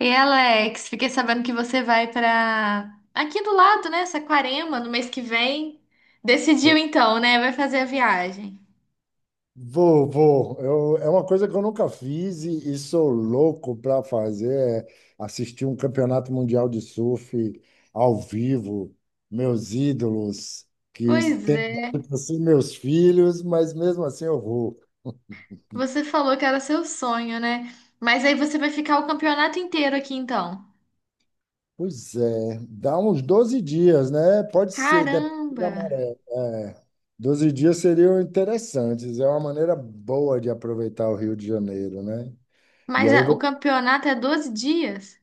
E Alex, fiquei sabendo que você vai pra aqui do lado, né? Saquarema, no mês que vem. Decidiu então, né? Vai fazer a viagem. Vou, vou. É uma coisa que eu nunca fiz e sou louco para fazer, é assistir um campeonato mundial de surf ao vivo. Meus ídolos, que Pois têm é. dado para ser meus filhos, mas mesmo assim eu vou. Você falou que era seu sonho, né? Mas aí você vai ficar o campeonato inteiro aqui então. Pois é, dá uns 12 dias, né? Pode ser, depende Caramba! da maré. É, 12 dias seriam interessantes. É uma maneira boa de aproveitar o Rio de Janeiro, né? E Mas aí eu o vou campeonato é 12 dias?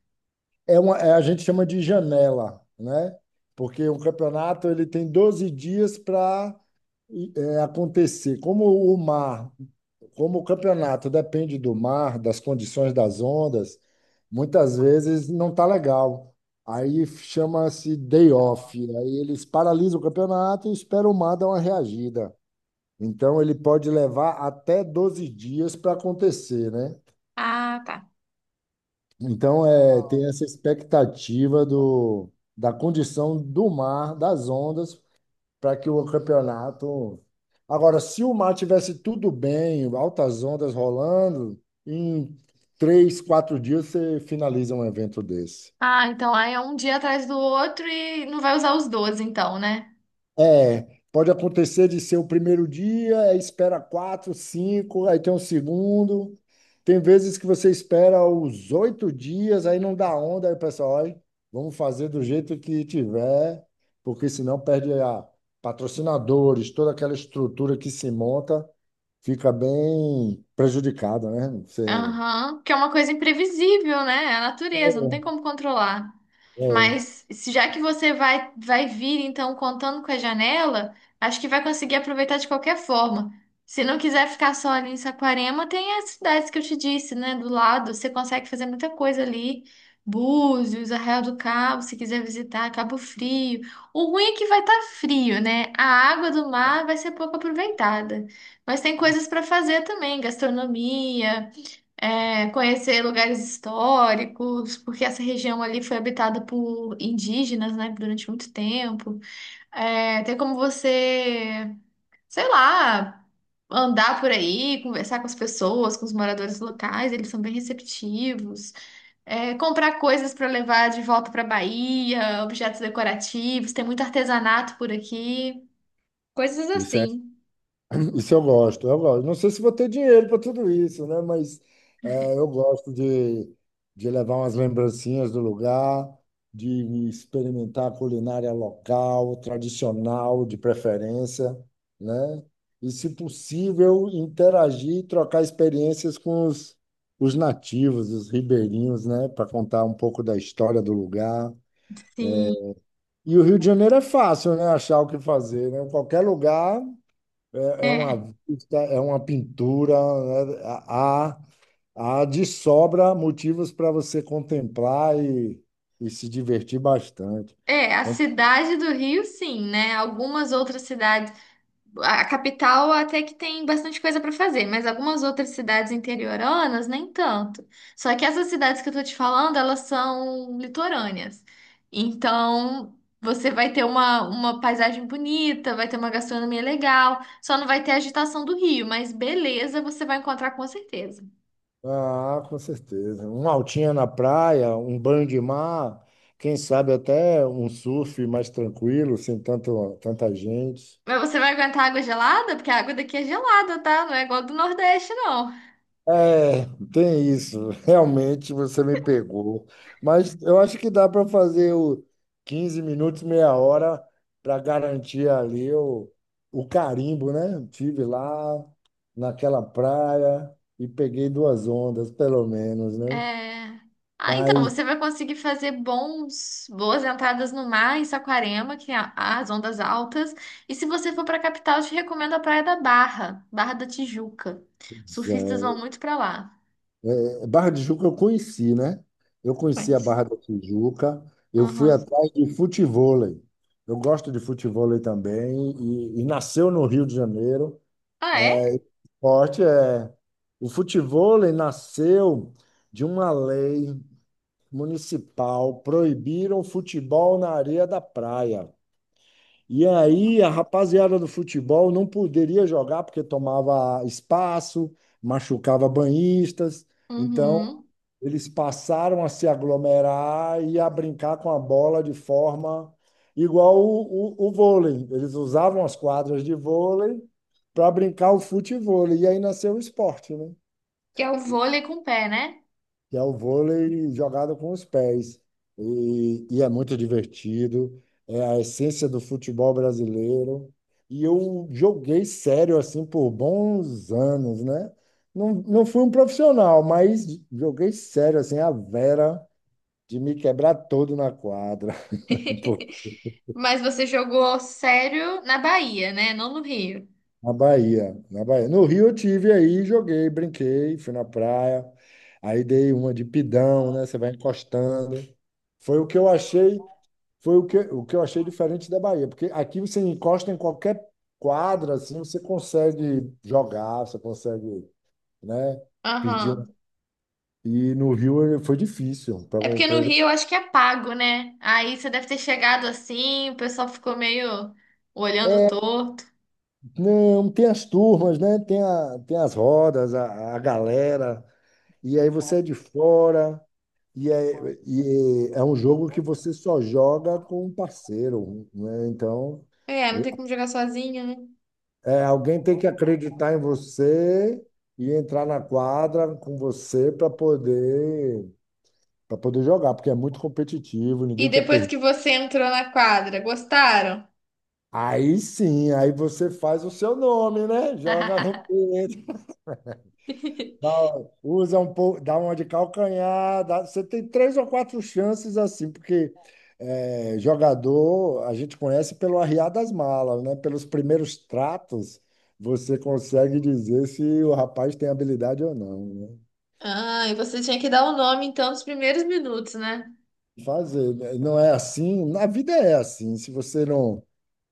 a gente chama de janela, né? Porque o campeonato ele tem 12 dias para acontecer. O mar, Como o campeonato depende do mar, das condições das ondas, muitas vezes não tá legal. Aí chama-se day off. Aí eles paralisam o campeonato e esperam o mar dar uma reagida. Então ele pode levar até 12 dias para acontecer, né? Ah, tá. Então, é, tem essa expectativa do, da condição do mar, das ondas, para que o campeonato. Agora, se o mar tivesse tudo bem, altas ondas rolando, em três, quatro dias você finaliza um evento desse. Ah, então aí é um dia atrás do outro e não vai usar os 12, então, né? É, pode acontecer de ser o primeiro dia, aí espera quatro, cinco, aí tem um segundo. Tem vezes que você espera os oito dias, aí não dá onda, aí o pessoal, olha, vamos fazer do jeito que tiver, porque senão perde a patrocinadores, toda aquela estrutura que se monta fica bem prejudicada, né? Você, Aham, que é uma coisa imprevisível, né? É a natureza, não tem como controlar. é, Mas já que você vai vir, então, contando com a janela, acho que vai conseguir aproveitar de qualquer forma. Se não quiser ficar só ali em Saquarema, tem as cidades que eu te disse, né? Do lado, você consegue fazer muita coisa ali. Búzios, Arraial do Cabo, se quiser visitar, Cabo Frio. O ruim é que vai estar frio, né? A água do mar vai ser pouco aproveitada. Mas tem coisas para fazer também, gastronomia é, conhecer lugares históricos, porque essa região ali foi habitada por indígenas, né, durante muito tempo. É, tem como você, sei lá, andar por aí, conversar com as pessoas, com os moradores locais, eles são bem receptivos. É, comprar coisas para levar de volta para Bahia, objetos decorativos, tem muito artesanato por aqui, coisas é assim. Isso eu gosto, eu gosto. Não sei se vou ter dinheiro para tudo isso, né? Mas é, eu gosto de levar umas lembrancinhas do lugar, de experimentar a culinária local, tradicional, de preferência, né? E, se possível, interagir e trocar experiências com os nativos, os ribeirinhos, né? Para contar um pouco da história do lugar. Sim. E o Rio de Janeiro é fácil, né? Achar o que fazer, né? Qualquer lugar. É, é É, uma vista, é uma pintura, né? Há, há de sobra motivos para você contemplar e se divertir bastante. é, a Quando- cidade do Rio, sim, né? Algumas outras cidades. A capital até que tem bastante coisa para fazer, mas algumas outras cidades interioranas nem tanto. Só que essas cidades que eu tô te falando, elas são litorâneas. Então, você vai ter uma paisagem bonita, vai ter uma gastronomia legal, só não vai ter a agitação do rio, mas beleza, você vai encontrar com certeza. Ah, com certeza. Uma altinha na praia, um banho de mar, quem sabe até um surf mais tranquilo, sem tanto, tanta gente. Mas você vai aguentar água gelada? Porque a água daqui é gelada, tá? Não é igual a do Nordeste, não. É, tem isso. Realmente você me pegou. Mas eu acho que dá para fazer o 15 minutos, meia hora, para garantir ali o carimbo, né? Tive lá naquela praia e peguei duas ondas, pelo menos, né? É... Ah, então, Mas você vai conseguir fazer bons, boas entradas no mar em Saquarema, que tem as ondas altas. E se você for para a capital, eu te recomendo a Praia da Barra, Barra da Tijuca. Surfistas vão muito para lá. é, Barra de Juca eu conheci, né? Eu conheci Pode a ser. Barra da Tijuca, eu fui Aham. atrás de futevôlei. Eu gosto de futevôlei também e nasceu no Rio de Janeiro. Ah, é? Esporte é. O futevôlei nasceu de uma lei municipal, proibiram o futebol na areia da praia. E aí a rapaziada do futebol não poderia jogar porque tomava espaço, machucava banhistas. Então, Uhum. eles passaram a se aglomerar e a brincar com a bola de forma igual o vôlei. Eles usavam as quadras de vôlei para brincar o futevôlei. E aí nasceu o esporte, né? Que é o vôlei com o pé, né? Que é o vôlei jogado com os pés. E é muito divertido, é a essência do futebol brasileiro. E eu joguei sério assim por bons anos, né? Não, não fui um profissional, mas joguei sério assim, a Vera de me quebrar todo na quadra, pô, Mas você jogou sério na Bahia, né? Não no Rio. na Bahia, na Bahia. No Rio eu tive aí, joguei, brinquei, fui na praia. Aí dei uma de pidão, né? Você vai encostando. Foi o que eu achei Foi o que eu achei diferente da Bahia, porque aqui você encosta em qualquer quadra, assim, você consegue jogar, você consegue, né, pedir um. Aham. E no Rio foi difícil para É o porque no projeto. Rio eu acho que é pago, né? Aí você deve ter chegado assim, o pessoal ficou meio olhando É, torto. não, tem as turmas, né? Tem as rodas, a galera, e aí você é de fora, e é um jogo que você só joga com um parceiro, né? Então, É, não tem como jogar sozinho, né? é, alguém tem que acreditar em você e entrar na quadra com você para poder jogar, porque é muito competitivo, E ninguém quer depois perder. que você entrou na quadra, gostaram? Aí sim, aí você faz o seu nome, né? Joga no peito, dá- usa um pouco, dá uma de calcanhar, dá- você tem três ou quatro chances assim, porque é, jogador a gente conhece pelo arriar das malas, né? Pelos primeiros tratos, você consegue dizer se o rapaz tem habilidade ou não, né? Ah, e você tinha que dar o nome então dos primeiros minutos, né? Fazer, né? Não é assim. Na vida é assim. Se você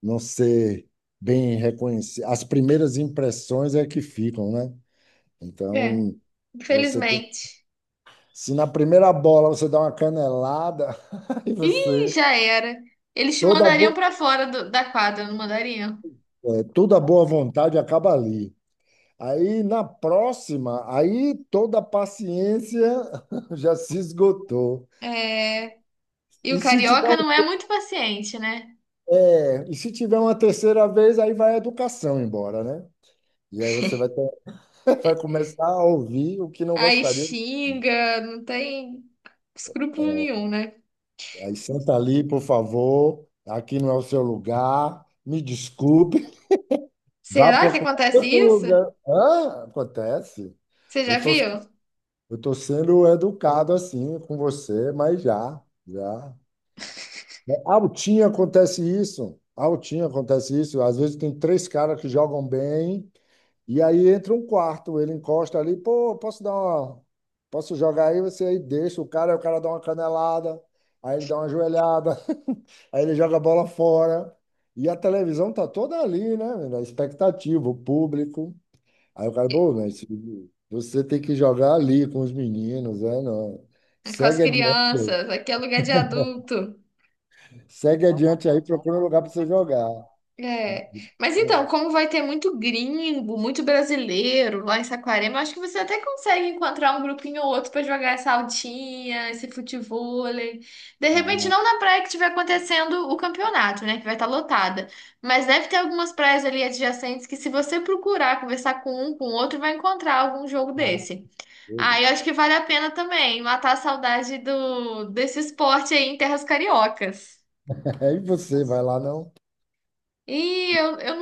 não, ser bem reconhecido, as primeiras impressões é que ficam, né? É, Então, você tem- infelizmente. se na primeira bola você dá uma canelada, aí Ih, você já era. Eles te toda a mandariam bo... pra fora da quadra, não mandariam? é, toda a boa vontade acaba ali. Aí na próxima, aí toda a paciência já se esgotou. É. E E o se tiver, carioca não é muito paciente, né? é, e se tiver uma terceira vez, aí vai a educação embora, né? E aí você vai ter. Vai começar a ouvir o que não Aí gostaria. xinga, não tem. Escrúpulo nenhum, né? Aí senta ali, por favor. Aqui não é o seu lugar. Me desculpe. Vá Será que procurar acontece outro isso? lugar. Hã? Acontece. Você Eu já tô, viu? eu tô sendo educado assim com você, mas já, já. Altinho acontece isso. Altinho acontece isso. Às vezes tem três caras que jogam bem. E aí entra um quarto, ele encosta ali, pô, posso dar uma, posso jogar aí, você aí deixa o cara, aí o cara dá uma canelada, aí ele dá uma joelhada, aí ele joga a bola fora. E a televisão tá toda ali, né, menina? A expectativa, o público. Aí o cara, pô, mas você tem que jogar ali com os meninos, né? Não. Com as Segue adiante aí. crianças, aqui é lugar de adulto. Segue adiante aí, procura um lugar para você jogar. É. Mas então, como vai ter muito gringo, muito brasileiro lá em Saquarema, eu acho que você até consegue encontrar um grupinho ou outro pra jogar essa altinha, esse futevôlei. De repente, Ah, não na praia que estiver acontecendo o campeonato, né? Que vai estar lotada. Mas deve ter algumas praias ali adjacentes que, se você procurar conversar com um, com o outro, vai encontrar algum jogo desse. Ah, beleza. eu acho que vale a pena também matar a saudade do desse esporte aí em terras cariocas. Aí você vai lá, não? E eu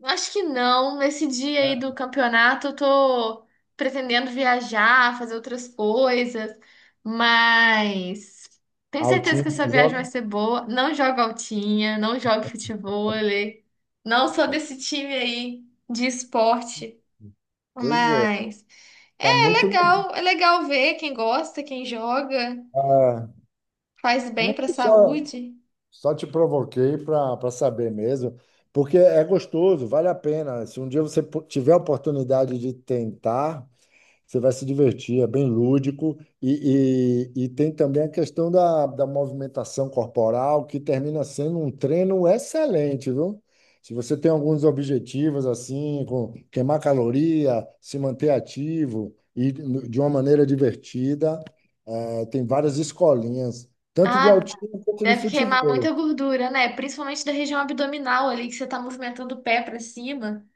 não acho que não. Nesse dia aí do campeonato, eu tô pretendendo viajar, fazer outras coisas, mas tenho Ah, o certeza time, que essa você viagem vai joga? ser boa. Não jogo altinha, não jogo futevôlei, não sou desse time aí de esporte, Pois é, mas é tá muito legal. É legal ver quem gosta, quem joga. Ah, Faz bem não, para a só, saúde? só te provoquei para saber mesmo, porque é gostoso, vale a pena. Se um dia você tiver a oportunidade de tentar, você vai se divertir, é bem lúdico. E tem também a questão da movimentação corporal, que termina sendo um treino excelente, viu? Se você tem alguns objetivos, assim, com queimar caloria, se manter ativo de uma maneira divertida, tem várias escolinhas, tanto de Ah, altinho quanto de deve queimar futebol. muita gordura, né? Principalmente da região abdominal ali, que você tá movimentando o pé para cima.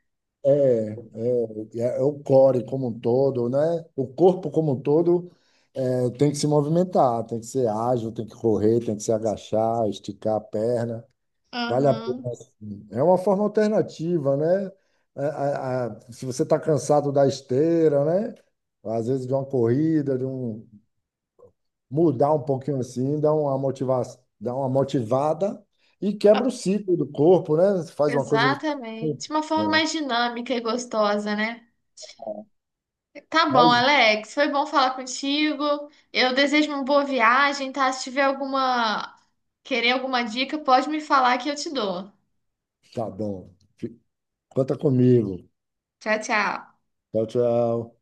É o core como um todo, né? O corpo como um todo é, tem que se movimentar, tem que ser ágil, tem que correr, tem que se agachar, esticar a perna. Vale a pena, Aham. sim. É uma forma alternativa, né? Se você está cansado da esteira, né? Às vezes de uma corrida, de um mudar um pouquinho assim, dá uma motivada e quebra o Ah, ciclo do corpo, né? Faz uma coisa exatamente. diferente. Uma forma É, mais dinâmica e gostosa, né? Tá bom, mas Alex. Foi bom falar contigo. Eu desejo uma boa viagem, tá? Se tiver alguma, querer alguma dica, pode me falar que eu te dou. tá bom. Conta comigo. Tchau, tchau. Tchau, tchau.